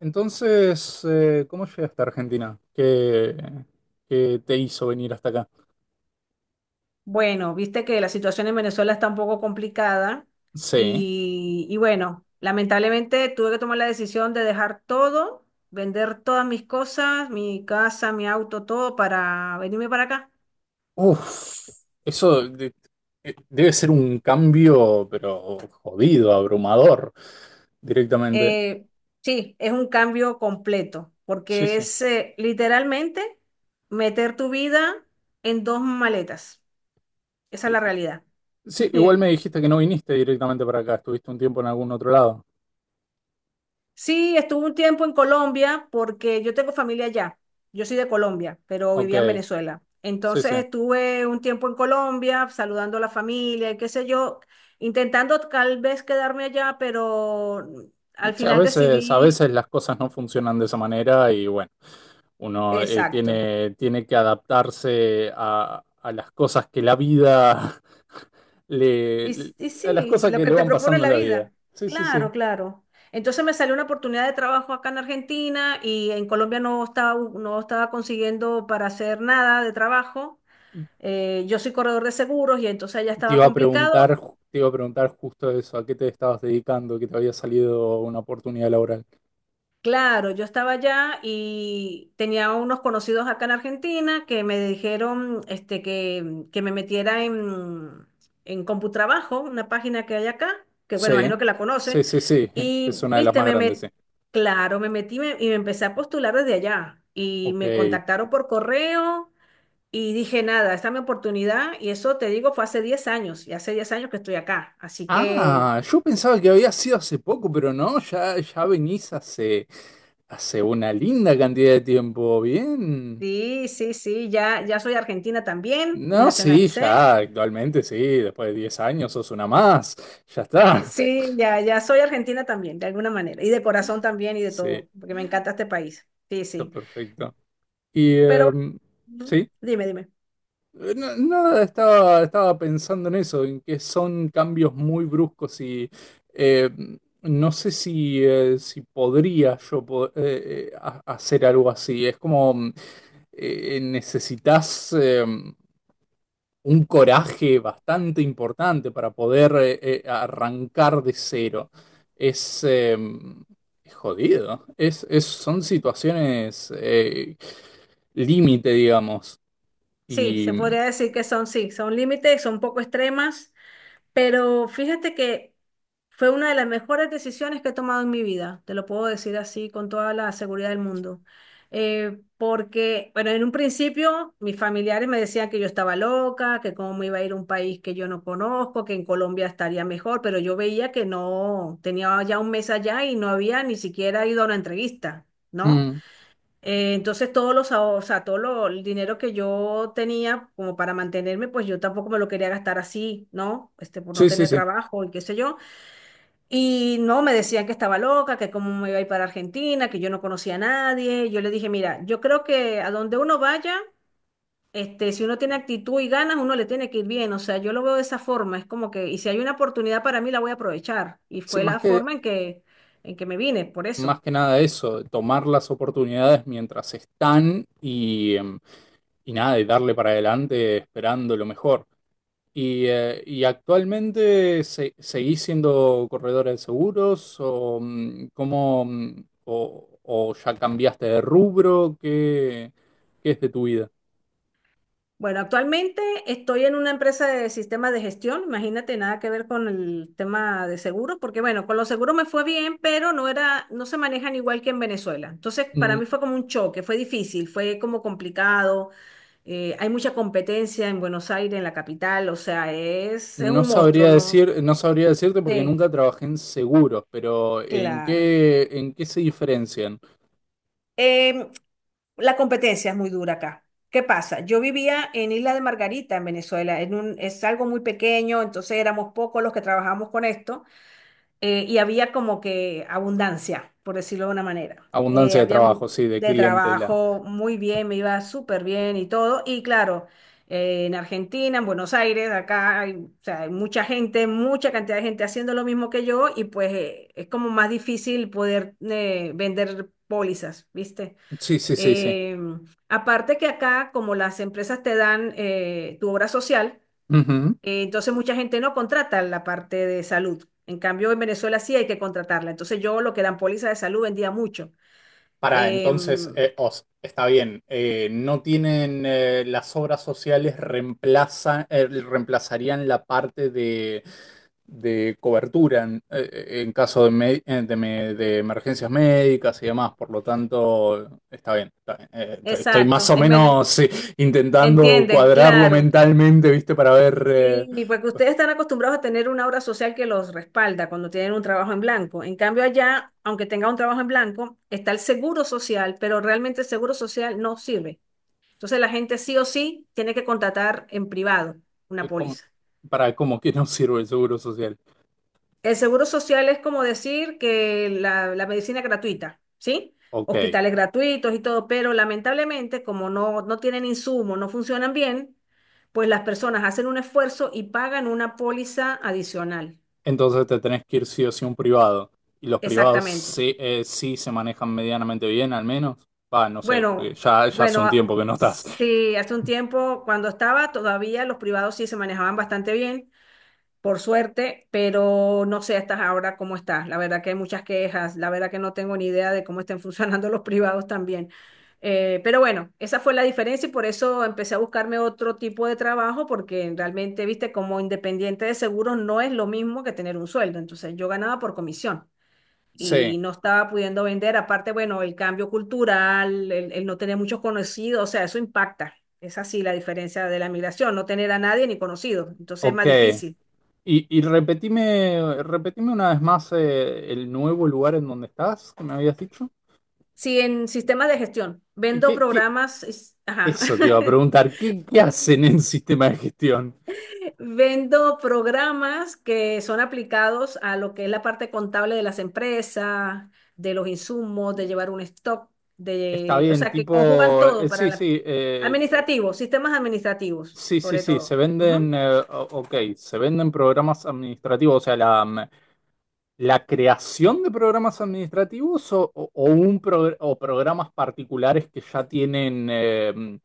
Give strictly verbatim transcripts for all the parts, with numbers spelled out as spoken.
Entonces, eh, ¿cómo llegaste a Argentina? ¿Qué, qué te hizo venir hasta acá? Bueno, viste que la situación en Venezuela está un poco complicada Sí. y, y bueno, lamentablemente tuve que tomar la decisión de dejar todo, vender todas mis cosas, mi casa, mi auto, todo para venirme para acá. Uf, eso de- eh, debe ser un cambio, pero jodido, abrumador, directamente. Eh, sí, es un cambio completo Sí, porque sí. es eh, literalmente meter tu vida en dos maletas. Esa es Eh, la realidad. Sí, igual me dijiste que no viniste directamente para acá, estuviste un tiempo en algún otro lado. Sí, estuve un tiempo en Colombia porque yo tengo familia allá. Yo soy de Colombia, pero vivía en Ok, Venezuela. sí, Entonces sí. estuve un tiempo en Colombia saludando a la familia y qué sé yo, intentando tal vez quedarme allá, pero al Sí, a final veces, a decidí, veces las cosas no funcionan de esa manera y bueno, uno eh, exacto. tiene, tiene que adaptarse a, a las cosas que la vida le, Y, s- le- y a las sí, cosas lo que que le te van propone pasando la en la vida. vida. Sí, sí, Claro, sí. claro. Entonces me salió una oportunidad de trabajo acá en Argentina y en Colombia no estaba, no estaba consiguiendo para hacer nada de trabajo. Eh, yo soy corredor de seguros y entonces allá Te estaba iba a complicado. preguntar, ju- te iba a preguntar justo eso, ¿a qué te estabas dedicando? Que te había salido una oportunidad laboral. Claro, yo estaba allá y tenía unos conocidos acá en Argentina que me dijeron este, que, que me metiera en, en Computrabajo, una página que hay acá, que bueno, Sí, imagino que la conoce. sí, sí, sí. Es Y, una de las viste, más me grandes, met- sí. claro, me metí me- y me empecé a postular desde allá. Y me Ok. contactaron por correo y dije, nada, esta es mi oportunidad. Y eso, te digo, fue hace diez años. Y hace diez años que estoy acá. Así que Ah, yo pensaba que había sido hace poco, pero no, ya, ya venís hace. Hace una linda cantidad de tiempo, bien. sí, sí, sí, ya, ya soy argentina también, me No, sí, nacionalicé. ya, actualmente sí, después de diez años sos una más, ya Sí. está. Sí, ya, ya soy argentina también, de alguna manera, y de corazón también y de Sí, todo, porque me encanta este país. Sí, está sí. perfecto. Y Pero em, bueno, sí, dime, dime. no, no, estaba, estaba pensando en eso, en que son cambios muy bruscos y em, no sé si, eh, si podría yo po- eh, eh, ha- hacer algo así. Es como mm, eh, necesitas... em, un coraje bastante importante para poder eh, eh, arrancar de cero. Es, eh, es jodido. Es, es- son situaciones eh, límite, digamos. Sí, Y se podría decir que son, sí, son límites, son poco extremas, pero fíjate que fue una de las mejores decisiones que he tomado en mi vida, te lo puedo decir así con toda la seguridad del mundo. Eh, porque, bueno, en un principio mis familiares me decían que yo estaba loca, que cómo me iba a ir a un país que yo no conozco, que en Colombia estaría mejor, pero yo veía que no, tenía ya un mes allá y no había ni siquiera ido a una entrevista, ¿no? mm, Eh, entonces todos los, ahor- o sea, todo lo- el dinero que yo tenía como para mantenerme, pues yo tampoco me lo quería gastar así, ¿no? Este, por no sí, sí, tener sí. trabajo y qué sé yo. Y no, me decían que estaba loca, que cómo me iba a ir para Argentina, que yo no conocía a nadie. Yo le dije, mira, yo creo que a donde uno vaya, este, si uno tiene actitud y ganas, uno le tiene que ir bien. O sea, yo lo veo de esa forma. Es como que, y si hay una oportunidad para mí, la voy a aprovechar. Y Sí, fue más la que, forma en que, en que me vine, por más eso. que nada eso, tomar las oportunidades mientras están y, em, y nada, y darle para adelante esperando lo mejor. ¿Y, eh, y actualmente se- seguís siendo corredora de seguros o, mm, cómo, mm, o, o ya cambiaste de rubro? ¿Qué, qué es de tu vida? Bueno, actualmente estoy en una empresa de sistemas de gestión, imagínate, nada que ver con el tema de seguros, porque bueno, con los seguros me fue bien, pero no era, no se manejan igual que en Venezuela. Entonces, para mí N- fue como un choque, fue difícil, fue como complicado. Eh, hay mucha competencia en Buenos Aires, en la capital, o sea, es, es No un monstruo, sabría ¿no? decir, no sabría decirte porque Sí, nunca trabajé en seguros, pero ¿en claro. qué, en qué se diferencian? Em, La competencia es muy dura acá. ¿Qué pasa? Yo vivía en Isla de Margarita, en Venezuela. En un, es algo muy pequeño, entonces éramos pocos los que trabajamos con esto, eh, y había como que abundancia, por decirlo de una manera. Eh, Abundancia de había mu- trabajo, sí, de De clientela. trabajo muy bien, me iba súper bien y todo. Y claro, eh, en Argentina, en Buenos Aires, acá hay, o sea, hay mucha gente, mucha cantidad de gente haciendo lo mismo que yo y pues eh, es como más difícil poder eh, vender pólizas, ¿viste? Sí, sí, sí, sí. Eh, Aparte que acá, como las empresas te dan eh, tu obra social, eh, entonces mucha gente no contrata la parte de salud. En cambio, en Venezuela sí hay que contratarla. Entonces yo lo que eran póliza de salud vendía mucho. Para Eh, entonces, eh, os, está bien, eh, no tienen eh, las obras sociales reemplazan, eh, reemplazarían la parte de, de cobertura en, eh, eh, en caso de, me- eh, de me- de emergencias médicas y demás, por lo tanto, está bien, está bien. Eh, t- estoy más exacto. o En Vene- menos eh, intentando ¿Entiendes? cuadrarlo Claro. mentalmente, ¿viste? Para ver eh, Y porque ustedes están acostumbrados a tener una obra social que los respalda cuando tienen un trabajo en blanco. En cambio, allá, aunque tenga un trabajo en blanco, está el seguro social, pero realmente el seguro social no sirve. Entonces la gente sí o sí tiene que contratar en privado una eh, cómo, póliza. para cómo que no sirve el seguro social. El seguro social es como decir que la, la medicina es gratuita, ¿sí? Ok. Hospitales gratuitos y todo, pero lamentablemente como no, no tienen insumos, no funcionan bien, pues las personas hacen un esfuerzo y pagan una póliza adicional. Entonces te tenés que ir sí o sí a un privado. Y los privados Exactamente. sí, eh, sí se manejan medianamente bien, al menos. Va, no sé, porque Bueno, ya, ya hace bueno, un a- tiempo que no estás. sí, hace un tiempo cuando estaba todavía los privados sí se manejaban bastante bien. Por suerte, pero no sé hasta ahora cómo está. La verdad que hay muchas quejas, la verdad que no tengo ni idea de cómo estén funcionando los privados también. Eh, pero bueno, esa fue la diferencia y por eso empecé a buscarme otro tipo de trabajo, porque realmente, viste, como independiente de seguros no es lo mismo que tener un sueldo. Entonces yo ganaba por comisión y Sí, no estaba pudiendo vender. Aparte, bueno, el cambio cultural, el, el no tener muchos conocidos, o sea, eso impacta. Es así la diferencia de la migración, no tener a nadie ni conocido. Entonces es más ok. difícil. Y, y repetime, repetime una vez más eh, el nuevo lugar en donde estás, que me habías dicho. Sí, en sistemas de gestión. Vendo ¿Qué, qué? programas, es- ajá. Eso te iba a preguntar, ¿qué, qué hacen en sistema de gestión? Vendo programas que son aplicados a lo que es la parte contable de las empresas, de los insumos, de llevar un stock, Está de, o bien, sea, que tipo, conjugan todo eh, para sí, la, sí, eh, administrativos, sistemas administrativos, sí, sí, sobre sí, se todo. Ujú. venden, eh, o- ok, se venden programas administrativos, o sea, la, mm, la creación de programas administrativos o, o- o un progr- o programas particulares que ya tienen eh, mm,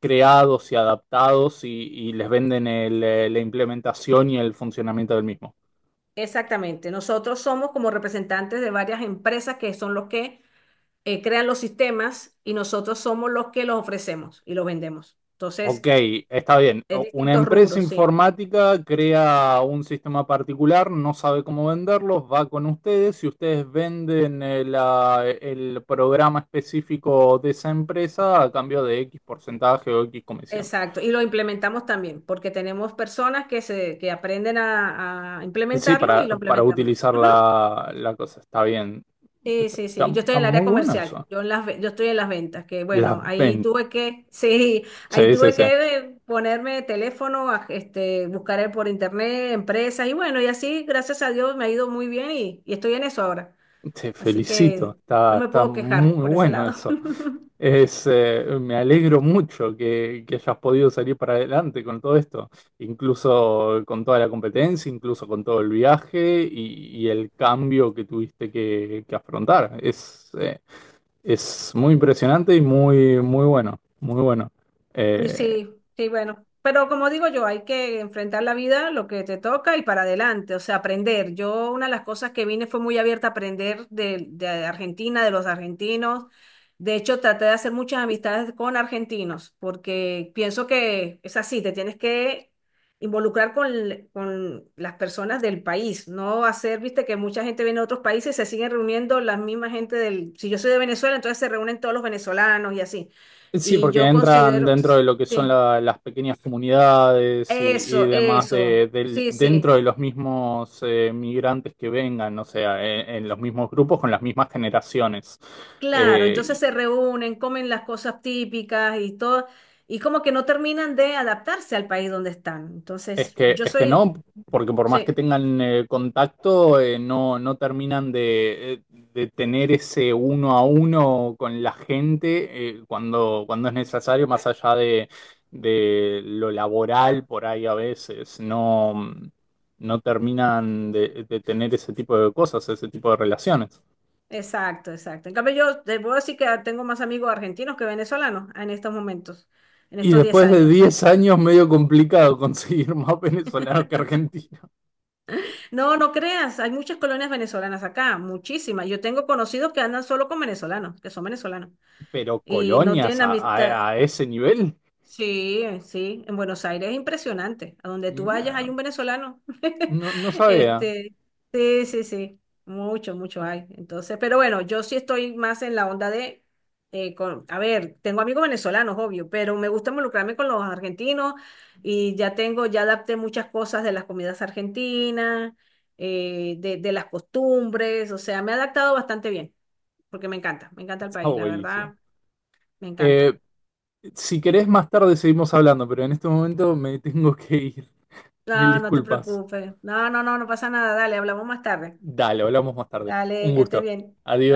creados y adaptados y, y les venden el, eh, la implementación y el funcionamiento del mismo. Exactamente. Nosotros somos como representantes de varias empresas que son los que eh, crean los sistemas y nosotros somos los que los ofrecemos y los vendemos. Entonces, Ok, está bien. es O- Una distintos empresa rubros, sí. informática crea un sistema particular, no sabe cómo venderlos, va con ustedes y ustedes venden el, ah, el programa específico de esa empresa a cambio de X porcentaje o X comisión. Exacto. Y lo implementamos también, porque tenemos personas que se, que aprenden a, a Sí, implementarlo y para, lo para implementamos. utilizar Ujú. la, la cosa. Está bien. Sí, Está, sí, sí. está- Yo estoy está en el área muy bueno comercial. eso. Yo en las, ve- yo estoy en las ventas, que Las bueno, ahí ventas. tuve que, sí, ahí Sí, sí, tuve sí. que eh, ponerme teléfono, a- este, buscar eh, por internet, empresas, y bueno, y así, gracias a Dios, me ha ido muy bien y, y estoy en eso ahora. Te Así felicito, que no está, me está puedo quejar muy por ese bueno lado. eso. Es, eh, me alegro mucho que, que hayas podido salir para adelante con todo esto, incluso con toda la competencia, incluso con todo el viaje y, y el cambio que tuviste que, que afrontar. Es, eh, es muy impresionante y muy, muy bueno, muy bueno. Y Eh, sí, sí, bueno. Pero como digo yo, hay que enfrentar la vida, lo que te toca y para adelante, o sea, aprender. Yo una de las cosas que vine fue muy abierta a aprender de, de Argentina, de los argentinos. De hecho, traté de hacer muchas amistades con argentinos, porque pienso que es así, te tienes que involucrar con, l- con las personas del país, no hacer, viste, que mucha gente viene de otros países, se siguen reuniendo la misma gente del, si yo soy de Venezuela, entonces se reúnen todos los venezolanos y así. sí, Y porque yo entran considero, dentro de lo que son sí, la- las pequeñas comunidades y, y eso, demás de, eso, del- sí, dentro sí, de los mismos eh, migrantes que vengan, o sea, en, en los mismos grupos con las mismas generaciones. claro, entonces Eh, se reúnen, comen las cosas típicas y todo, y como que no terminan de adaptarse al país donde están. Es Entonces, que, yo es que soy, no, porque por más que sí, tengan eh, contacto, eh, no, no terminan de, eh, de tener ese uno a uno con la gente eh, cuando, cuando es necesario, más allá de, de lo laboral por ahí a veces, no, no terminan de, de tener ese tipo de cosas, ese tipo de relaciones. exacto, exacto. En cambio, yo te puedo decir que tengo más amigos argentinos que venezolanos en estos momentos, en Y estos diez después de años, diez sí. años, medio complicado conseguir más venezolanos que argentinos, No, no creas, hay muchas colonias venezolanas acá, muchísimas. Yo tengo conocidos que andan solo con venezolanos, que son venezolanos, pero y no colonias tienen a, amistad. a a ese nivel. Sí, eh, sí, en Buenos Aires es impresionante. A donde tú vayas hay un venezolano. No, no sabía. Este, sí, sí, sí, mucho, mucho hay. Entonces, pero bueno, yo sí estoy más en la onda de, eh, con, a ver, tengo amigos venezolanos, obvio, pero me gusta involucrarme con los argentinos y ya tengo, ya adapté muchas cosas de las comidas argentinas, eh, de, de las costumbres, o sea, me he adaptado bastante bien, porque me encanta, me encanta el Está país, la buenísimo. verdad, me encanta. Eh, si querés, más tarde seguimos hablando, pero en este momento me tengo que ir. Mil No, no te disculpas. preocupes. No, no, no, no pasa nada. Dale, hablamos más tarde. Dale, hablamos más tarde. Dale, Un que estés gusto. bien. Adiós.